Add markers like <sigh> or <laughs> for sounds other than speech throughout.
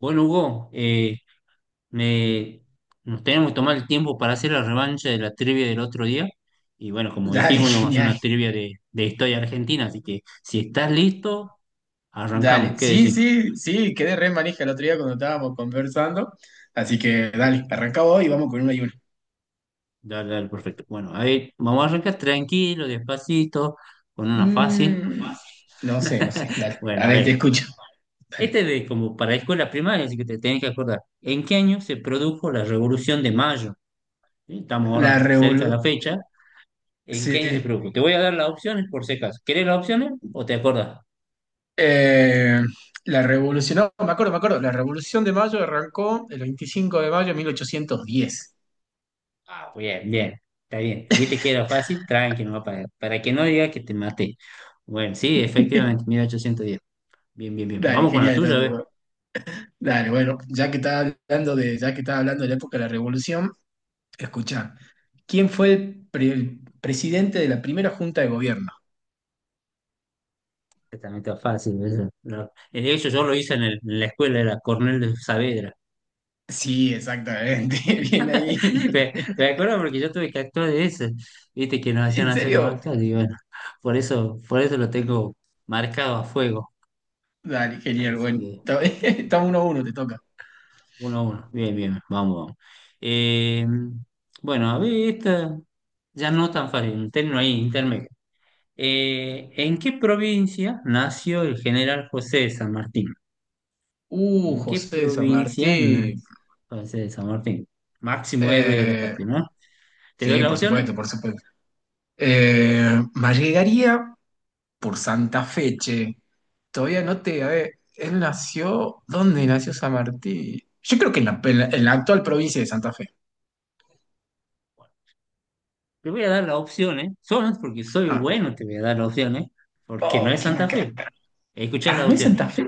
Bueno, Hugo, me- nos tenemos que tomar el tiempo para hacer la revancha de la trivia del otro día. Y bueno, como Dale, dijimos, íbamos a <laughs> hacer genial. una trivia de historia argentina. Así que si estás listo, arrancamos. Dale. ¿Qué Sí, decir? sí, sí, quedé re manija el otro día cuando estábamos conversando. Así que dale, arranca hoy y vamos con una y una. Dale, dale, perfecto. Bueno, a ver, vamos a arrancar tranquilo, despacito, con una fácil. Mm, no sé, no sé. <laughs> Dale. A Bueno, a ver, te ver, escucho. Dale. este es de como para escuela primaria, así que te tenés que acordar. ¿En qué año se produjo la Revolución de Mayo? ¿Sí? Estamos La ahora cerca de la revolución. fecha. ¿En qué año se Sí. produjo? Te voy a dar las opciones por si acaso. ¿Querés las opciones o te acordás? Eh, la revolución, no, me acuerdo, me acuerdo. La revolución de mayo arrancó el 25 de mayo de 1810. Ah, bien, bien. Está bien. Viste que era fácil, tranqui, no va para que no diga que te maté. Bueno, sí, efectivamente, <laughs> 1810. Bien, bien, bien. Dale, Vamos con la genial. tuya, Entonces, ¿ves? Ver. bueno. Dale, bueno, ya que estás hablando de la época de la revolución. Escucha, ¿quién fue el presidente de la primera junta de gobierno? Que también está fácil. Eso. No. De hecho, yo lo hice en la escuela, era Cornel de Saavedra. Sí, exactamente, <laughs> bien ahí. <laughs> Me acuerdo porque yo tuve que actuar de eso. Viste que nos hacían ¿En hacer los serio? actos y bueno, por eso lo tengo marcado a fuego. Dale, genial, bueno. Así. <laughs> Estamos uno a uno, te toca. 1-1. Bien, bien, vamos, vamos. Eh, bueno, a ver, esta ya no tan fácil, un término ahí, intermedio. ¿En qué provincia nació el general José de San Martín? ¿En qué José de San provincia nació Martín. José de San Martín? Máximo héroe de la Eh, patria, ¿no? ¿Te doy sí, las por opciones? supuesto, por supuesto. Me llegaría por Santa Fe, che. Todavía no te. A ver, él nació. ¿Dónde nació San Martín? Yo creo que en la actual provincia de Santa Fe. Te voy a dar las opciones, solo porque soy Ah. bueno, te voy a dar las opciones, porque no Oh, es qué Santa macana. Fe. Escuchá Ah, las ¿no es opciones, Santa Fe?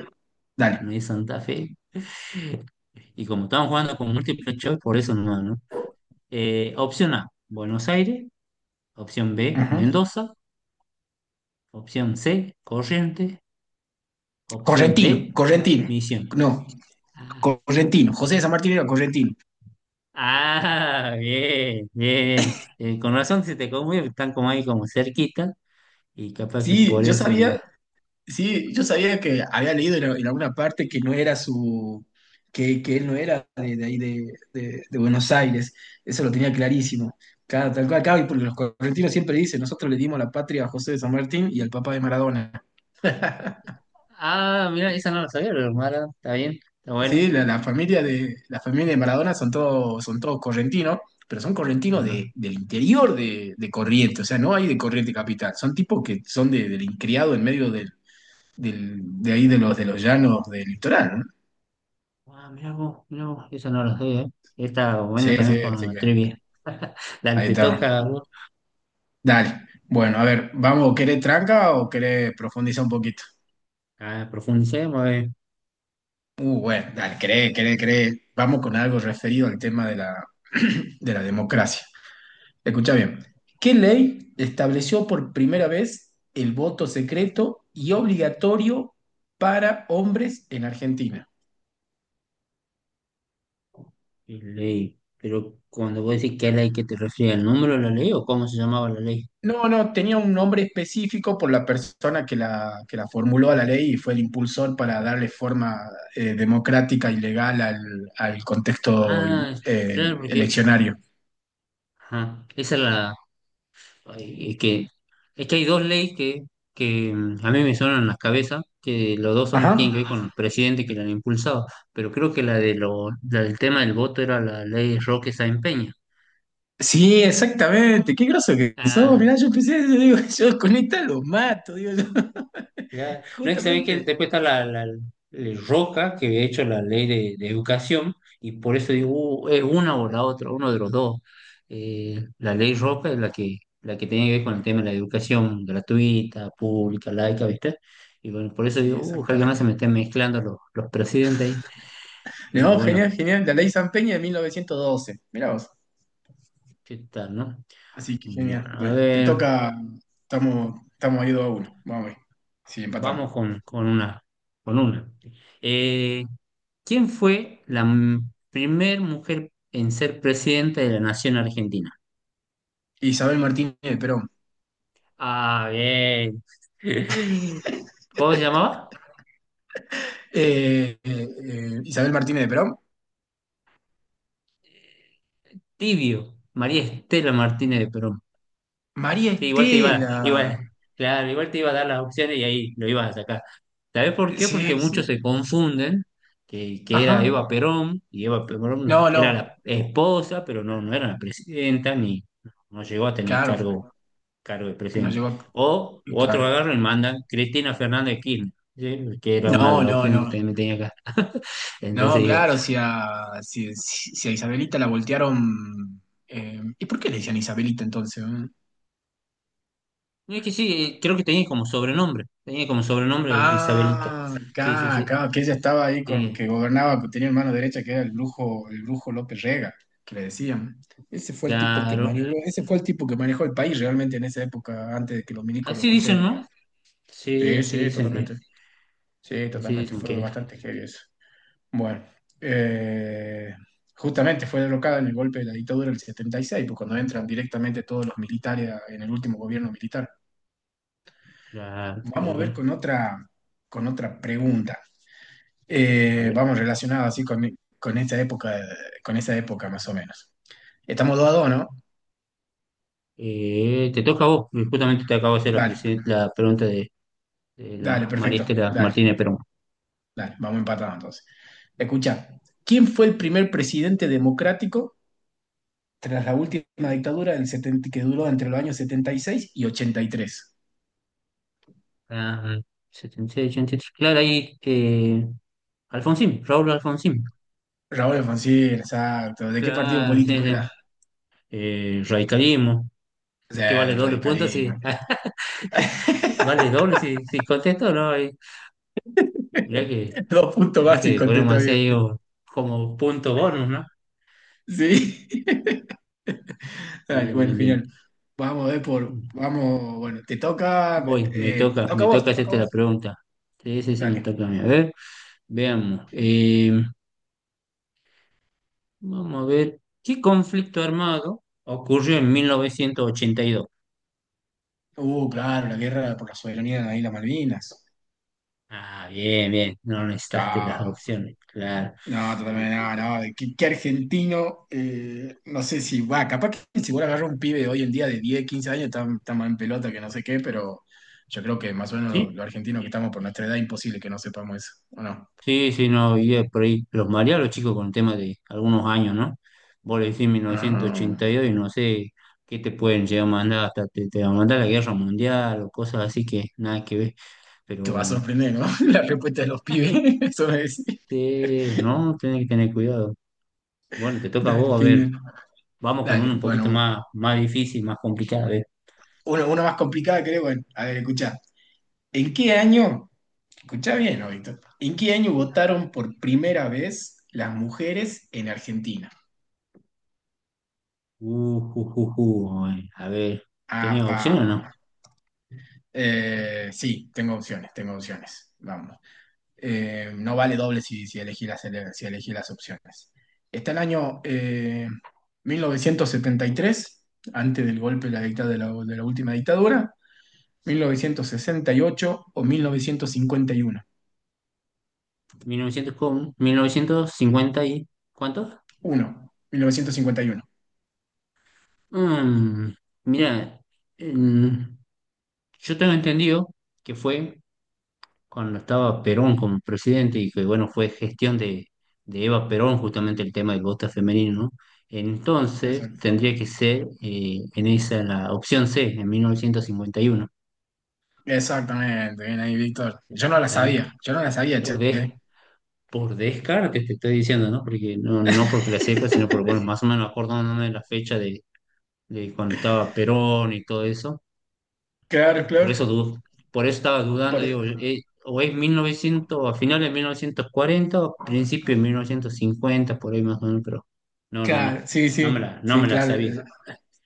no Dale. es Santa Fe. Y como estamos jugando con múltiples choice, por eso no, ¿no? Opción A, Buenos Aires. Opción B, Ujú. Mendoza. Opción C, Corrientes. Opción Correntino, D, Correntino. Misiones. No, Ah, Correntino. José de San Martín era Correntino. <laughs> ah, bien, bien. Con razón se te conmueve, están como ahí como cerquita y capaz que Sí, por yo eso. Sabía, sí, yo sabía que había leído en alguna parte que no era su, que él no era de ahí de Buenos Aires. Eso lo tenía clarísimo. Cada, tal cual, claro, y porque los correntinos siempre dicen, nosotros le dimos la patria a José de San Martín y al papá de Maradona. <laughs> Ah, mira, esa no la sabía, pero Mara, está bien, está bueno. Sí, la familia de la familia de Maradona son todos correntinos, pero son correntinos Ajá. del interior de Corrientes, o sea, no hay de Corrientes capital, son tipos que son del criado en medio de ahí de los llanos del litoral, ¿no? Ah, mira vos, esa no la sabía. Está bueno Sí, también sí, con así la que trivia. <laughs> Dale, ahí te está. toca a vos. Dale. Bueno, a ver, vamos, ¿querés tranca o querés profundizar un poquito? Ah, profundicemos, a. Bueno, dale, querés. Vamos con algo referido al tema de la <clears throat> de la democracia. Escucha bien. ¿Qué ley estableció por primera vez el voto secreto y obligatorio para hombres en Argentina? Y ley. Pero cuando vos decís qué ley, ¿qué te refieres? ¿Al número de la ley o cómo se llamaba la ley? No, no, tenía un nombre específico por la persona que la formuló a la ley y fue el impulsor para darle forma democrática y legal al contexto Ah, claro, porque eleccionario. ajá, esa es la. Ay, es que, hay dos leyes que a mí me suenan en la cabeza, que los dos Ajá. son, tienen que ver con el presidente que la han impulsado, pero creo que la del tema del voto era la ley Roque Sáenz Peña. Sí, exactamente. Qué groso que sos. Ah, Mirá, yo empecé, yo digo, <laughs> yo con esta los mato, digo yo. ya, <laughs> no es que sabéis que Justamente. después está la, Roca, que he hecho la ley de educación, y por eso digo, es una o la otra, uno de los dos. La ley Roca es la que tiene que ver con el tema de la educación gratuita, pública, laica, ¿viste? Y bueno, por eso Sí, digo, ojalá que no exactamente. se me estén mezclando los presidentes ahí, pero No, bueno, genial, genial. La ley San Peña de 1912. Mirá vos. ¿qué tal, no? Así que Bueno, genial. a Bueno, te ver, toca. Estamos ahí 2 a uno. Vamos a ver. Sí, vamos empatamos. con una. Eh, ¿Quién fue primer mujer en ser presidenta de la Nación Argentina? Isabel Martínez de Perón. Ah, bien. <laughs> ¿Cómo se llamaba? Isabel Martínez de Perón. Tibio. María Estela Martínez de Perón. María Sí, igual te iba, Estela. igual, claro, igual te iba a dar las opciones y ahí lo ibas a sacar. ¿Sabes por qué? Sí, Porque sí. muchos se confunden que era Ajá. Eva Perón y Eva Perón No, era la no. esposa, pero no, no era la presidenta ni no llegó a tener Claro. cargo de Nos presidente. llegó a. O otro Claro. agarro y mandan Cristina Fernández de Kirchner, ¿sí? Que era una de No, las no, opciones que no. también tenía acá. <laughs> Entonces No, digo, claro, si a Isabelita la voltearon. ¿Y por qué le decían Isabelita entonces? ¿Eh? no es que sí, creo que tenía como sobrenombre Isabelita. Ah, Sí, sí, acá, sí. acá, que ella estaba ahí con Sí, que gobernaba, que tenía el mano derecha, que era el brujo López Rega, que le decían. Ese fue el tipo que claro. manejó, ese fue el tipo que manejó el país realmente en esa época, antes de que los milicos lo Así dicen, volteen, digamos. ¿no? Sí, Sí, sí, totalmente. Sí, así totalmente, dicen fue que bastante heavy eso. Bueno, eh, justamente fue derrocada en el golpe de la dictadura del 76, pues cuando entran directamente todos los militares en el último gobierno militar. la- Vamos a ver la- con otra pregunta. a ver, Vamos relacionado así con esta época, con esa época más o menos. Estamos dos a dos, ¿no? Te toca a vos, justamente te acabo de hacer la, Dale, presi- la pregunta de dale, la María perfecto, Estela dale, Martínez Perón. dale, vamos empatados entonces. Escucha, ¿quién fue el primer presidente democrático tras la última dictadura del 70 que duró entre los años setenta y seis y ochenta y tres? Ah, setenta y 83. Claro, ahí Alfonsín, Raúl Alfonsín. Raúl Alfonsín, exacto. ¿De qué partido Claro, sí, político sí. era? Radicalismo, O que sea, vale del doble punto si radicalismo. <laughs> vale doble si, contesto, ¿no? Y mirá que, <laughs> Dos puntos mirá que básicos, podemos contesta hacer bien. ahí como punto bonus, ¿no? Sí. Dale, Bien, bueno, bien, bien. genial. Vamos a ver por. Vamos, bueno, te toca. Voy, me Te toca, toca a me vos, toca te toca a hacerte la vos. pregunta. Sí, sí, sí, me Dale. toca a mí. A ver, veamos. Vamos a ver, ¿qué conflicto armado ocurrió en 1982? Claro, la guerra por la soberanía de las Islas Malvinas. Ah, bien, bien, no necesitaste las Claro. opciones, claro. No, Sí, totalmente, sí, no, sí. no. de ¿Qué argentino? No sé si va, capaz que si vos agarras un pibe de hoy en día de 10 15 años, está más en pelota que no sé qué, pero yo creo que más o menos los, Sí, los argentinos que estamos por nuestra edad, imposible que no sepamos eso, ¿o no? sí, sí, no, y por ahí los mareaba los chicos con el tema de algunos años, ¿no? Vos le decís mil novecientos Ah, ochenta y dos y no sé qué te pueden llegar a mandar, hasta te van a mandar la guerra mundial o cosas así que nada que ver, te va a pero sorprender, ¿no? <laughs> La respuesta de los pibes, <laughs> eso es. sí, no, tenés que tener cuidado. Bueno, te toca a Dale, vos, a ver, genial. vamos con Dale, uno un poquito bueno, más difícil, más complicado, a ver. uno, una más complicada creo. Bueno, a ver, escucha. ¿En qué año, escucha bien, ¿no, Víctor? ¿En qué año votaron por primera vez las mujeres en Argentina? Ay, a ver, ¿tenés Apa. opción o no? Sí, tengo opciones, tengo opciones. Vamos. No vale doble si elegí las, ele- si elegí las opciones. Está el año 1973 antes del golpe de la última dictadura, mil Sí. novecientos sesenta y ocho o 1951 Mil novecientos cincuenta y ¿cuánto? 1951. Mm, mira, en- yo tengo entendido que fue cuando estaba Perón como presidente y que, bueno, fue gestión de Eva Perón justamente el tema del voto femenino, ¿no? Entonces Exacto. tendría que ser en esa la opción C, en Exactamente, bien ahí, Víctor. Yo no la 1951. ¿Eh? sabía, yo no la sabía, Por, che. des- por descarte te estoy diciendo, ¿no? Porque no, no porque la sepa, sino porque, bueno, más o menos acordándome de la fecha de cuando estaba Perón y todo eso. Claro, Y Por claro. eso, du- por eso estaba dudando, Por- e, digo, o es 1900 a finales de 1940 o principio de 1950 por ahí más o menos, pero no, no, claro, no, sí, no sí, me la, no sí, me la claro. sabía.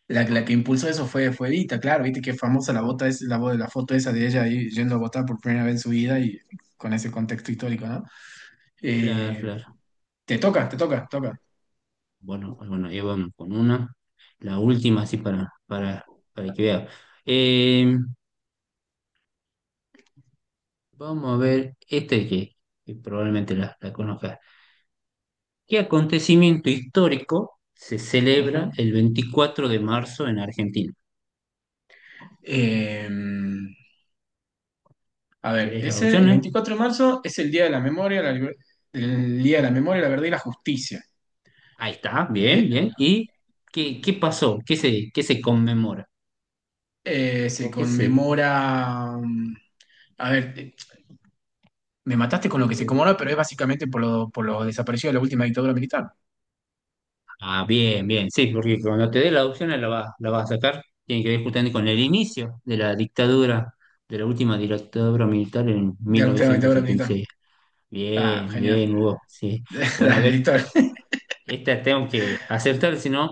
La que impulsó eso fue Evita, claro, viste que famosa la bota es la foto esa de ella ahí yendo a votar por primera vez en su vida y con ese contexto histórico, ¿no? Claro, Eh, claro. Te toca, te toca, te toca. Bueno, ah, bueno, ahí vamos con una. La última, así para que vea. Eh, vamos a ver este que probablemente la conozcas. ¿Qué acontecimiento histórico se celebra Ujú. el 24 de marzo en Argentina? Eh, a ver, ¿Querés las ese, el opciones? 24 de marzo es el Día de la Memoria, la liber- el Día de la Memoria, la Verdad y la Justicia. Ahí está, bien, Eh, bien. ¿Y qué pasó? ¿Qué se conmemora? Se ¿Por qué se conmemora. A ver, me mataste con lo te que se dé? conmemora, pero es básicamente por lo desaparecido de la última dictadura militar. Ah, bien, bien, sí, porque cuando te dé Eh, la opción la vas a sacar. Tiene que ver justamente con el inicio de la dictadura, de la última dictadura militar en De mil la última novecientos dictadura setenta militar. y seis. Ah, Bien, genial. bien, Hugo, sí. <laughs> Bueno, a Dale, ver, Víctor. <laughs> esta tengo que acertar, si no,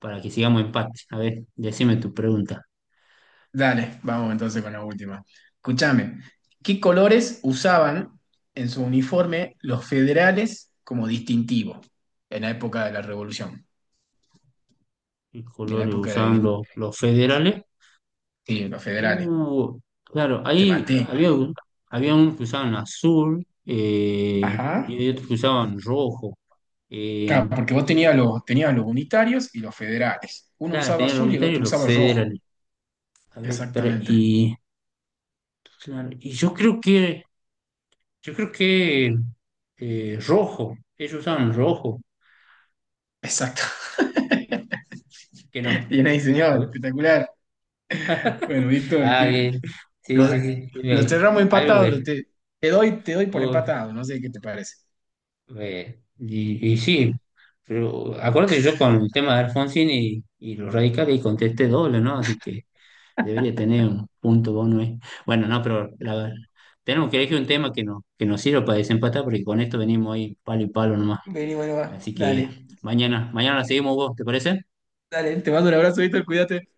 para que sigamos empate. A ver, decime tu pregunta. Dale, vamos entonces con la última. Escúchame, ¿qué colores usaban en su uniforme los federales como distintivo en la época de la Revolución? ¿Qué ¿Y en la colores época de la usaban independencia? los federales? Sí, los federales. Uh, claro, Te ahí maté. había unos que usaban azul y Ajá. había otros que usaban rojo. Eh, Claro, porque vos tenías los unitarios y los federales. Uno claro, usaba tenían los azul y el unitarios y otro los usaba rojo. federales. A ver, Exactamente. y, claro, y yo creo que rojo, ellos usaban rojo, Exacto. <laughs> que no. Bien ahí, A señor. ver. Espectacular. Bueno, Víctor, Ah, que bien. lo, Sí, sí, sí. Sí, lo cerramos algo empatado. Lo te, te doy por ve. empatado. No sé qué te parece. Y sí, pero acuérdate yo con el tema de Alfonsín y los radicales y contesté doble, ¿no? Así que debería tener un punto bono ahí. Bueno, no, pero tenemos que elegir un tema que, no, que nos sirva para desempatar porque con esto venimos ahí palo y palo nomás. Vení, bueno, va. Así que Dale. mañana, mañana la seguimos vos, ¿te parece? Dale, te mando un abrazo, Víctor. Cuídate.